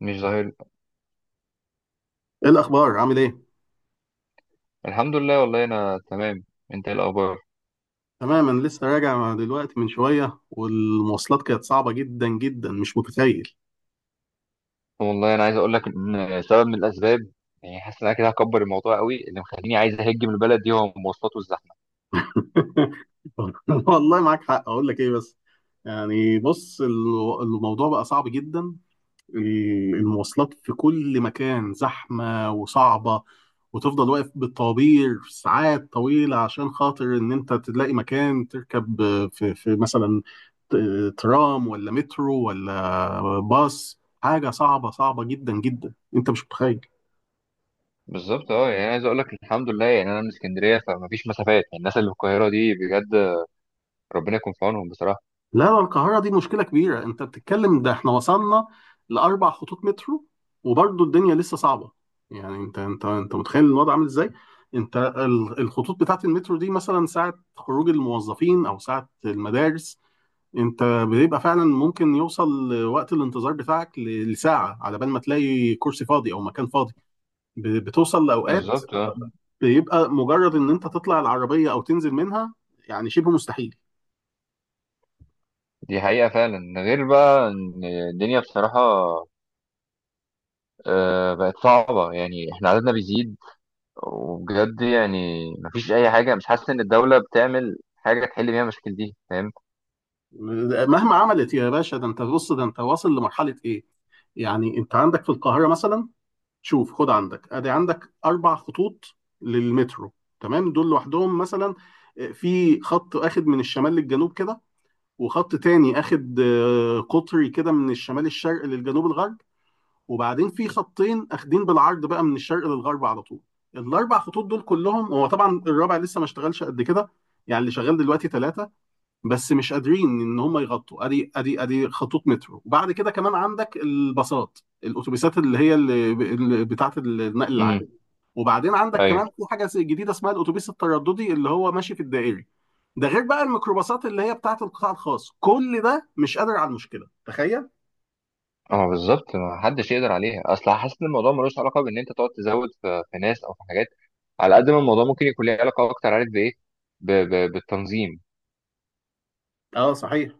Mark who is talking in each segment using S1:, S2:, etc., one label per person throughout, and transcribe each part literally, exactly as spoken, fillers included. S1: مش ظاهر.
S2: ايه الاخبار، عامل ايه؟
S1: الحمد لله، والله انا تمام. انت ايه الاخبار؟
S2: تمام، انا لسه راجع دلوقتي من شويه، والمواصلات كانت صعبه جدا جدا، مش متخيل.
S1: والله انا عايز اقول لك ان سبب من الاسباب، يعني حاسس ان انا كده هكبر الموضوع قوي، اللي مخليني عايز اهج من البلد دي هو المواصلات والزحمه.
S2: والله معاك حق. اقول لك ايه بس، يعني بص، الو- الموضوع بقى صعب جدا. ال- المواصلات في كل مكان زحمة وصعبة، وتفضل واقف بالطوابير ساعات طويلة عشان خاطر إن أنت تلاقي مكان تركب في, في مثلا ت- ترام ولا مترو ولا باص. حاجة صعبة صعبة جدا جدا، أنت مش متخيل.
S1: بالظبط اه. يعني عايز اقول لك الحمد لله، يعني انا من اسكندريه فمفيش مسافات، يعني الناس اللي في القاهره دي بجد ربنا يكون في عونهم بصراحه.
S2: لا، لا، القاهرة دي مشكلة كبيرة. انت بتتكلم، ده احنا وصلنا لأربع خطوط مترو، وبرضه الدنيا لسه صعبة. يعني انت انت انت متخيل الوضع عامل ازاي؟ انت ال- الخطوط بتاعت المترو دي مثلا ساعة خروج الموظفين او ساعة المدارس، انت بيبقى فعلا ممكن يوصل وقت الانتظار بتاعك ل- لساعة على بال ما تلاقي كرسي فاضي او مكان فاضي. ب- بتوصل لأوقات
S1: بالظبط اه.
S2: بيبقى مجرد ان انت تطلع العربية او تنزل منها يعني شبه مستحيل.
S1: دي حقيقه فعلا، غير بقى ان الدنيا بصراحه، آه، بقت صعبه، يعني احنا عددنا بيزيد، وبجد يعني مفيش اي حاجه، مش حاسس ان الدوله بتعمل حاجه تحل بيها المشاكل دي، فاهم.
S2: مهما عملت يا باشا، ده انت بص، ده انت واصل لمرحله ايه. يعني انت عندك في القاهره مثلا، شوف، خد عندك، ادي عندك اربع خطوط للمترو. تمام، دول لوحدهم مثلا. اه، في خط اخد من الشمال للجنوب كده، وخط تاني اخد آه، قطري كده، من الشمال الشرق للجنوب الغرب. وبعدين في خطين اخدين بالعرض بقى من الشرق للغرب على طول. الاربع خطوط دول كلهم، هو طبعا الرابع لسه ما اشتغلش قد كده، يعني اللي شغال دلوقتي ثلاثه، بس مش قادرين ان هم يغطوا ادي ادي ادي خطوط مترو. وبعد كده كمان عندك الباصات الاتوبيسات اللي هي اللي اللي بتاعه النقل العام.
S1: امم.
S2: وبعدين عندك
S1: ايوه.
S2: كمان في حاجه جديده اسمها الاتوبيس الترددي اللي هو ماشي في الدائري. ده غير بقى الميكروباصات اللي هي بتاعه القطاع الخاص. كل ده مش قادر على المشكله، تخيل.
S1: اه، بالظبط. ما حدش يقدر عليها، اصل حاسس ان الموضوع ملوش علاقه بان انت تقعد تزود في, في ناس او في حاجات. على قد ما الموضوع ممكن يكون ليه علاقه اكتر، عارف بايه؟ ب... ب... بالتنظيم
S2: اه صحيح.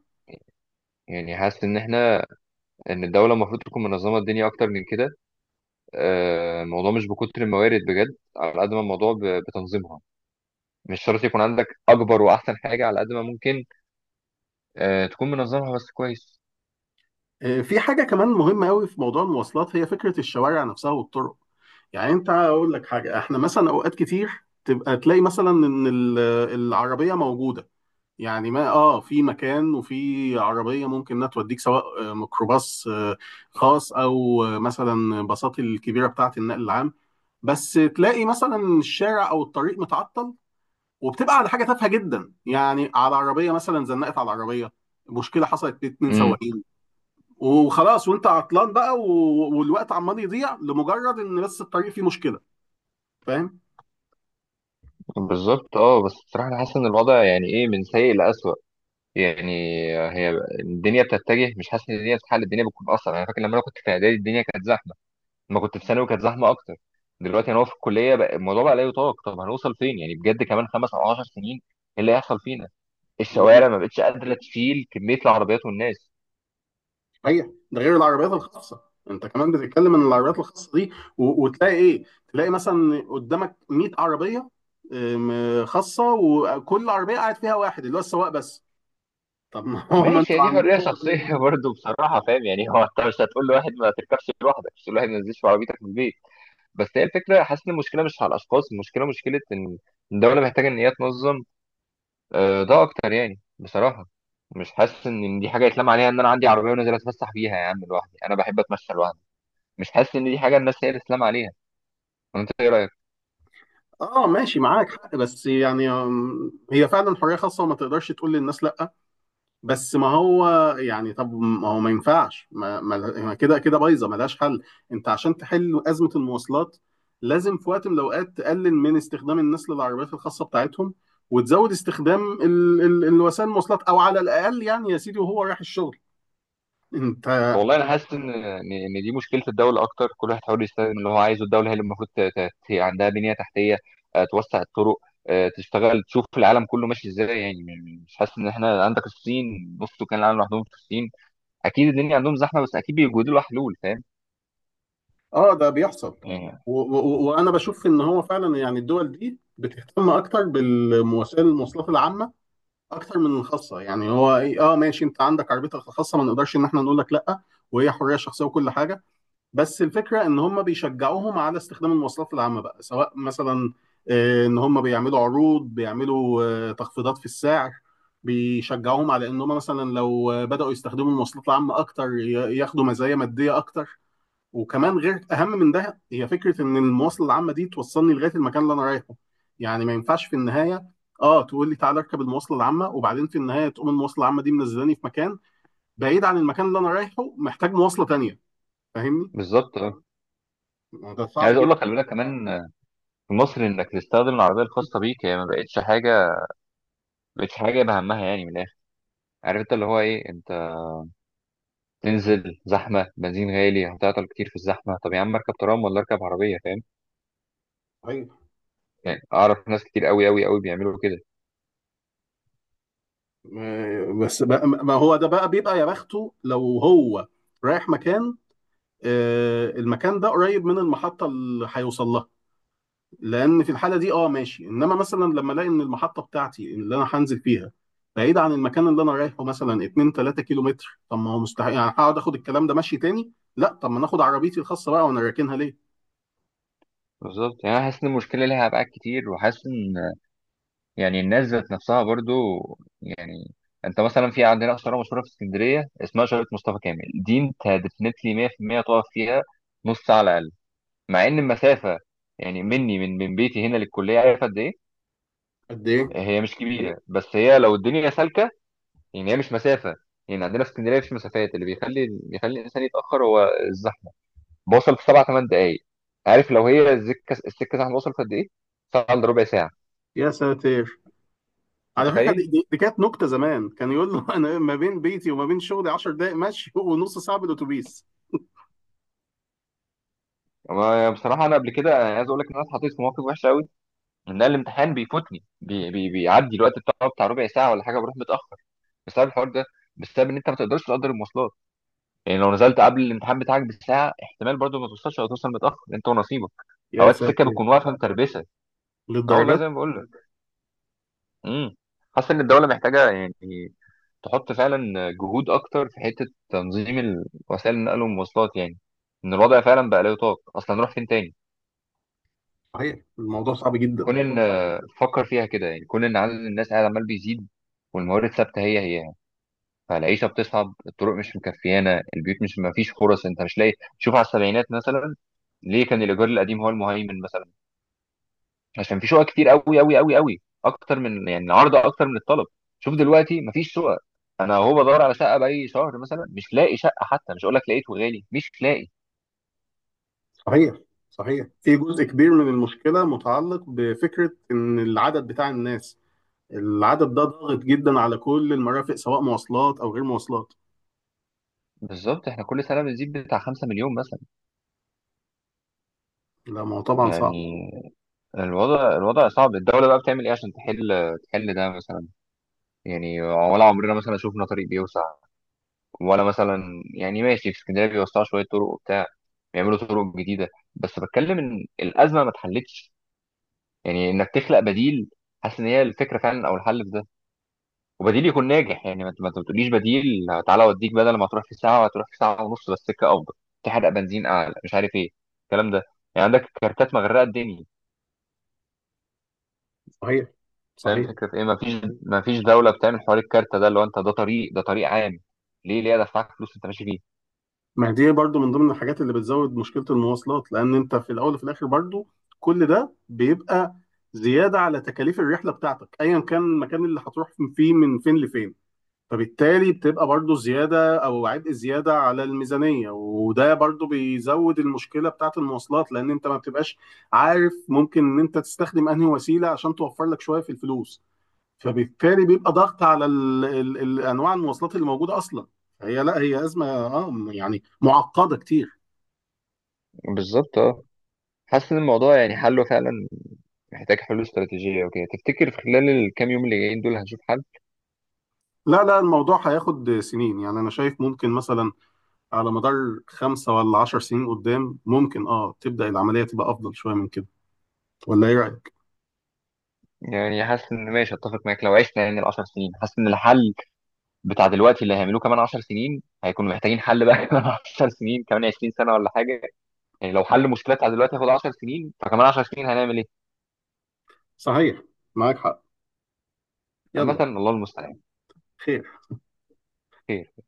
S1: يعني حاسس ان احنا ان الدوله المفروض تكون منظمه الدنيا اكتر من كده. آه، الموضوع مش بكتر الموارد بجد، على قد ما الموضوع ب... بتنظيمها. مش شرط يكون عندك اكبر واحسن حاجه، على قد ما ممكن آه، تكون منظمها بس كويس.
S2: آه، في حاجه كمان مهمه قوي في موضوع المواصلات، هي فكره الشوارع نفسها والطرق. يعني انت اقول لك حاجه، احنا مثلا اوقات كتير تبقى تلاقي مثلا ان ال- العربيه موجوده، يعني ما اه في مكان وفي عربيه ممكن انها توديك، سواء آه، ميكروباص، آه، خاص، او آه، مثلا باصات الكبيره بتاعه النقل العام، بس تلاقي مثلا الشارع او الطريق متعطل وبتبقى على حاجه تافهه جدا، يعني على عربيه مثلا زنقت على العربيه، مشكله حصلت بين اتنين
S1: مم.
S2: سواقين وخلاص، وانت عطلان بقى و- والوقت عمال يضيع لمجرد ان بس الطريق فيه مشكله، فاهم.
S1: بالظبط اه، بس بصراحة أنا حاسس إن الوضع يعني إيه، من سيء لأسوأ. يعني هي الدنيا بتتجه، مش حاسس إن الدنيا بتتحل، الدنيا بتكون أصعب. أنا فاكر لما أنا كنت في إعدادي الدنيا كانت زحمة، لما كنت في ثانوي كانت زحمة أكتر، دلوقتي أنا هو في الكلية بقى الموضوع بقى لا يطاق. طب هنوصل فين يعني بجد كمان خمس أو عشر سنين؟ إيه اللي هيحصل فينا؟ الشوارع ما بقتش قادرة تشيل كمية العربيات والناس.
S2: صحيح، ده غير العربيات الخاصه. انت كمان بتتكلم ان العربيات الخاصه دي، و... وتلاقي ايه، تلاقي مثلا قدامك ميت عربيه ام، خاصه، وكل عربيه قاعد فيها واحد اللي هو السواق بس. طب ما هو ما
S1: ماشي، هي
S2: انتوا
S1: دي
S2: عاملين.
S1: حرية شخصية برضه بصراحة فاهم، يعني هو أنت مش هتقول لواحد ما تركبش لوحدك، مش هتقول لواحد ما تنزلش في عربيتك من البيت. بس هي الفكره حاسس ان المشكله مش على الاشخاص، المشكله مشكله ان الدوله محتاجه ان هي تنظم آه، ده اكتر يعني بصراحه. مش حاسس ان دي حاجه يتلام عليها ان انا عندي عربيه ونازل اتفسح بيها يا عم لوحدي، انا بحب اتمشى لوحدي. مش حاسس ان دي حاجه الناس هي اللي تتلام عليها. انت ايه رايك؟
S2: اه ماشي، معاك حق، بس يعني ام، هي فعلا حريه خاصه، وما تقدرش تقول للناس لا. بس ما هو، يعني طب ما هو ما ينفعش، ما, ما ما كده كده بايظه ملهاش حل. انت عشان تحل ازمه المواصلات، لازم في وقت من الاوقات تقلل من استخدام الناس للعربيات الخاصه بتاعتهم، وتزود استخدام ال ال الوسائل المواصلات، او على الاقل يعني يا سيدي وهو رايح الشغل، انت.
S1: والله انا حاسس ان ان إن دي مشكله الدوله اكتر. كل واحد حاول يستخدم اللي هو عايزه، الدوله هي اللي المفروض ت- ت- ت- عندها بنيه تحتيه، آه، توسع الطرق، آه، تشتغل تشوف العالم كله ماشي ازاي. يعني م- مش حاسس ان احنا عندك الصين نص سكان العالم لوحدهم في الصين، اكيد الدنيا عندهم زحمه بس اكيد بيوجدوا لها حلول، فاهم
S2: اه ده بيحصل.
S1: يعني.
S2: و- و- وانا بشوف ان هو فعلا يعني الدول دي بتهتم اكتر بالوسائل المواصلات العامه اكتر من الخاصه. يعني هو إيه- اه ماشي، انت عندك عربيتك الخاصه، ما نقدرش ان احنا نقول لك لا، وهي حريه شخصيه وكل حاجه. بس الفكره ان هم بيشجعوهم على استخدام المواصلات العامه بقى، سواء مثلا آه، ان هم بيعملوا عروض، بيعملوا آه، تخفيضات في السعر، بيشجعوهم على ان هم مثلا لو بداوا يستخدموا المواصلات العامه اكتر ي- ياخدوا مزايا ماديه اكتر. وكمان غير، اهم من ده، هي فكره ان المواصله العامه دي توصلني لغايه المكان اللي انا رايحه. يعني ما ينفعش في النهايه اه تقول لي تعالى اركب المواصله العامه، وبعدين في النهايه تقوم المواصله العامه دي منزلاني في مكان بعيد عن المكان اللي انا رايحه، محتاج مواصله تانية، فاهمني.
S1: بالظبط اه.
S2: ده صعب
S1: عايز
S2: جدا.
S1: اقول لك خلي بالك كمان، آه، في مصر انك تستخدم العربيه الخاصه بيك هي ما بقتش حاجه، ما بقتش حاجه بهمها يعني من الاخر، عارف انت اللي هو ايه، انت تنزل زحمه، بنزين غالي، هتعطل كتير في الزحمه، طب يا عم اركب ترام ولا اركب عربيه، فاهم
S2: صحيح.
S1: يعني. اعرف ناس كتير قوي قوي قوي بيعملوا كده.
S2: م- بس بقى، ما هو ده بقى بيبقى يا بخته لو هو رايح مكان، آه، المكان ده قريب من المحطه اللي هيوصل لها، لان في الحاله دي اه ماشي. انما مثلا لما الاقي ان المحطه بتاعتي اللي انا هنزل فيها بعيده عن المكان اللي انا رايحه مثلا اتنين ثلاث كيلو متر، طب ما هو مستحيل، يعني هقعد اخد الكلام ده ماشي تاني، لا طب ما ناخد عربيتي الخاصه بقى، وانا راكنها ليه.
S1: بالظبط. يعني انا حاسس ان المشكله ليها ابعاد كتير، وحاسس ان يعني الناس ذات نفسها برضو. يعني انت مثلا في عندنا شارع مشهوره في اسكندريه اسمها شارع مصطفى كامل، دي انت ديفنتلي مئة في المية تقف فيها نص ساعه على الاقل، مع ان المسافه يعني مني، من من بيتي هنا للكليه، عارف قد ايه؟
S2: قد ايه.
S1: هي مش كبيره، بس هي لو الدنيا سالكه يعني هي مش مسافه. يعني عندنا في اسكندريه مفيش مسافات، اللي بيخلي بيخلي الانسان يتاخر هو الزحمه، بوصل في سبع ثمان دقائق. عارف لو هي السكه السكه زحمه وصلت قد ايه؟ ساعه الا ربع ساعه.
S2: يا ساتر. على فكره، دي,
S1: متخيل؟
S2: دي, دي كانت نكته زمان، كان يقول له انا ما بين بيتي وما بين شغلي عشر دقائق مشي ونص ساعه بالاتوبيس.
S1: أنا بصراحة أنا قبل كده أنا عايز أقول لك إن أنا اتحطيت في موقف وحش أوي، إن أنا الامتحان بيفوتني، بي بي بيعدي الوقت بتاعه بتاع ربع ساعة ولا حاجة، بروح متأخر بسبب الحوار ده، بسبب إن أنت ما تقدرش تقدر المواصلات. يعني لو نزلت قبل الامتحان بتاعك بساعة احتمال برضه ما توصلش أو توصل متأخر أنت ونصيبك.
S2: يا
S1: أوقات السكة
S2: ساتر،
S1: بتكون واقفة متربسة. أه والله
S2: للدرجات.
S1: زي ما بقول لك. امم. حاسس إن الدولة محتاجة يعني تحط فعلا جهود أكتر في حتة تنظيم ال- وسائل النقل والمواصلات، يعني إن الوضع فعلا بقى لا يطاق، أصلا نروح فين تاني؟
S2: صحيح، الموضوع صعب جدا.
S1: كون ان فكر فيها كده يعني، كون ان عدد الناس قاعد عمال بيزيد والموارد ثابته هي هي، فالعيشه بتصعب، الطرق مش مكفيانه، البيوت مش ما فيش فرص، انت مش لاقي. شوف على السبعينات مثلا ليه كان الايجار القديم هو المهيمن مثلا، عشان في شقق كتير قوي قوي قوي قوي اكتر من يعني العرض اكتر من الطلب. شوف دلوقتي ما فيش شقق، انا هو بدور على شقه باي شهر مثلا مش لاقي شقه، حتى مش هقول لك لقيت وغالي، مش لاقي.
S2: صحيح، صحيح، في جزء كبير من المشكله متعلق بفكره ان العدد بتاع الناس، العدد ده ضاغط جدا على كل المرافق، سواء مواصلات او غير مواصلات.
S1: بالظبط. احنا كل سنه بنزيد بتاع 5 مليون مثلا،
S2: لا ما هو طبعا صعب.
S1: يعني الوضع الوضع صعب، الدولة بقى بتعمل ايه عشان تحل تحل ده مثلا، يعني ولا عمرنا مثلا شفنا طريق بيوسع، ولا مثلا يعني ماشي في اسكندرية بيوسعوا شوية طرق وبتاع، بيعملوا طرق جديدة، بس بتكلم ان الأزمة ما اتحلتش. يعني انك تخلق بديل، حاسس ان هي الفكرة فعلا او الحل في ده، وبديل يكون ناجح. يعني ما ما تقوليش بديل تعالى اوديك بدل ما تروح في ساعة هتروح في ساعة ونص بس سكة افضل، تحرق بنزين اعلى، مش عارف ايه الكلام ده. يعني عندك كارتات مغرقة الدنيا،
S2: صحيح،
S1: فاهم
S2: صحيح.
S1: فكرة ايه؟ مفيش، مفيش دولة بتعمل حوار الكارتة ده اللي هو انت ده طريق، ده طريق عام، ليه ليه ادفعك فلوس انت ماشي فيه.
S2: ما دي برضو من ضمن الحاجات اللي بتزود مشكلة المواصلات، لان انت في الاول وفي الاخر برضو كل ده بيبقى زيادة على تكاليف الرحلة بتاعتك ايا كان المكان اللي هتروح فيه من فين لفين، فبالتالي بتبقى برضو زيادة او عبء زيادة على الميزانية. وده برضو بيزود المشكلة بتاعت المواصلات، لان انت ما بتبقاش عارف ممكن ان انت تستخدم انهي وسيلة عشان توفر لك شوية في الفلوس، فبالتالي بيبقى ضغط على ال ال ال انواع المواصلات اللي موجوده اصلا. هي، لا، هي ازمه، اه م- يعني معقده كتير.
S1: بالظبط اه. حاسس ان الموضوع يعني حله فعلا محتاج حلول استراتيجية وكده. تفتكر في خلال الكام يوم اللي جايين دول هنشوف حل؟
S2: لا، لا، الموضوع هياخد سنين، يعني انا شايف ممكن مثلا على مدار خمسة ولا عشر سنين قدام ممكن اه تبدا العمليه تبقى افضل شويه من كده، ولا ايه رايك؟
S1: يعني حاسس ان ماشي اتفق معاك لو عشنا يعني ال 10 سنين، حاسس ان الحل بتاع دلوقتي اللي هيعملوه كمان 10 سنين هيكونوا محتاجين حل بقى كمان 10 سنين، كمان 20 سنة ولا حاجة. يعني لو حل المشكلة بتاع دلوقتي هياخد 10 سنين، فكمان 10 سنين هنعمل ايه؟
S2: صحيح، معاك حق.
S1: عامة
S2: يلا.
S1: الله المستعان.
S2: خير.
S1: خير.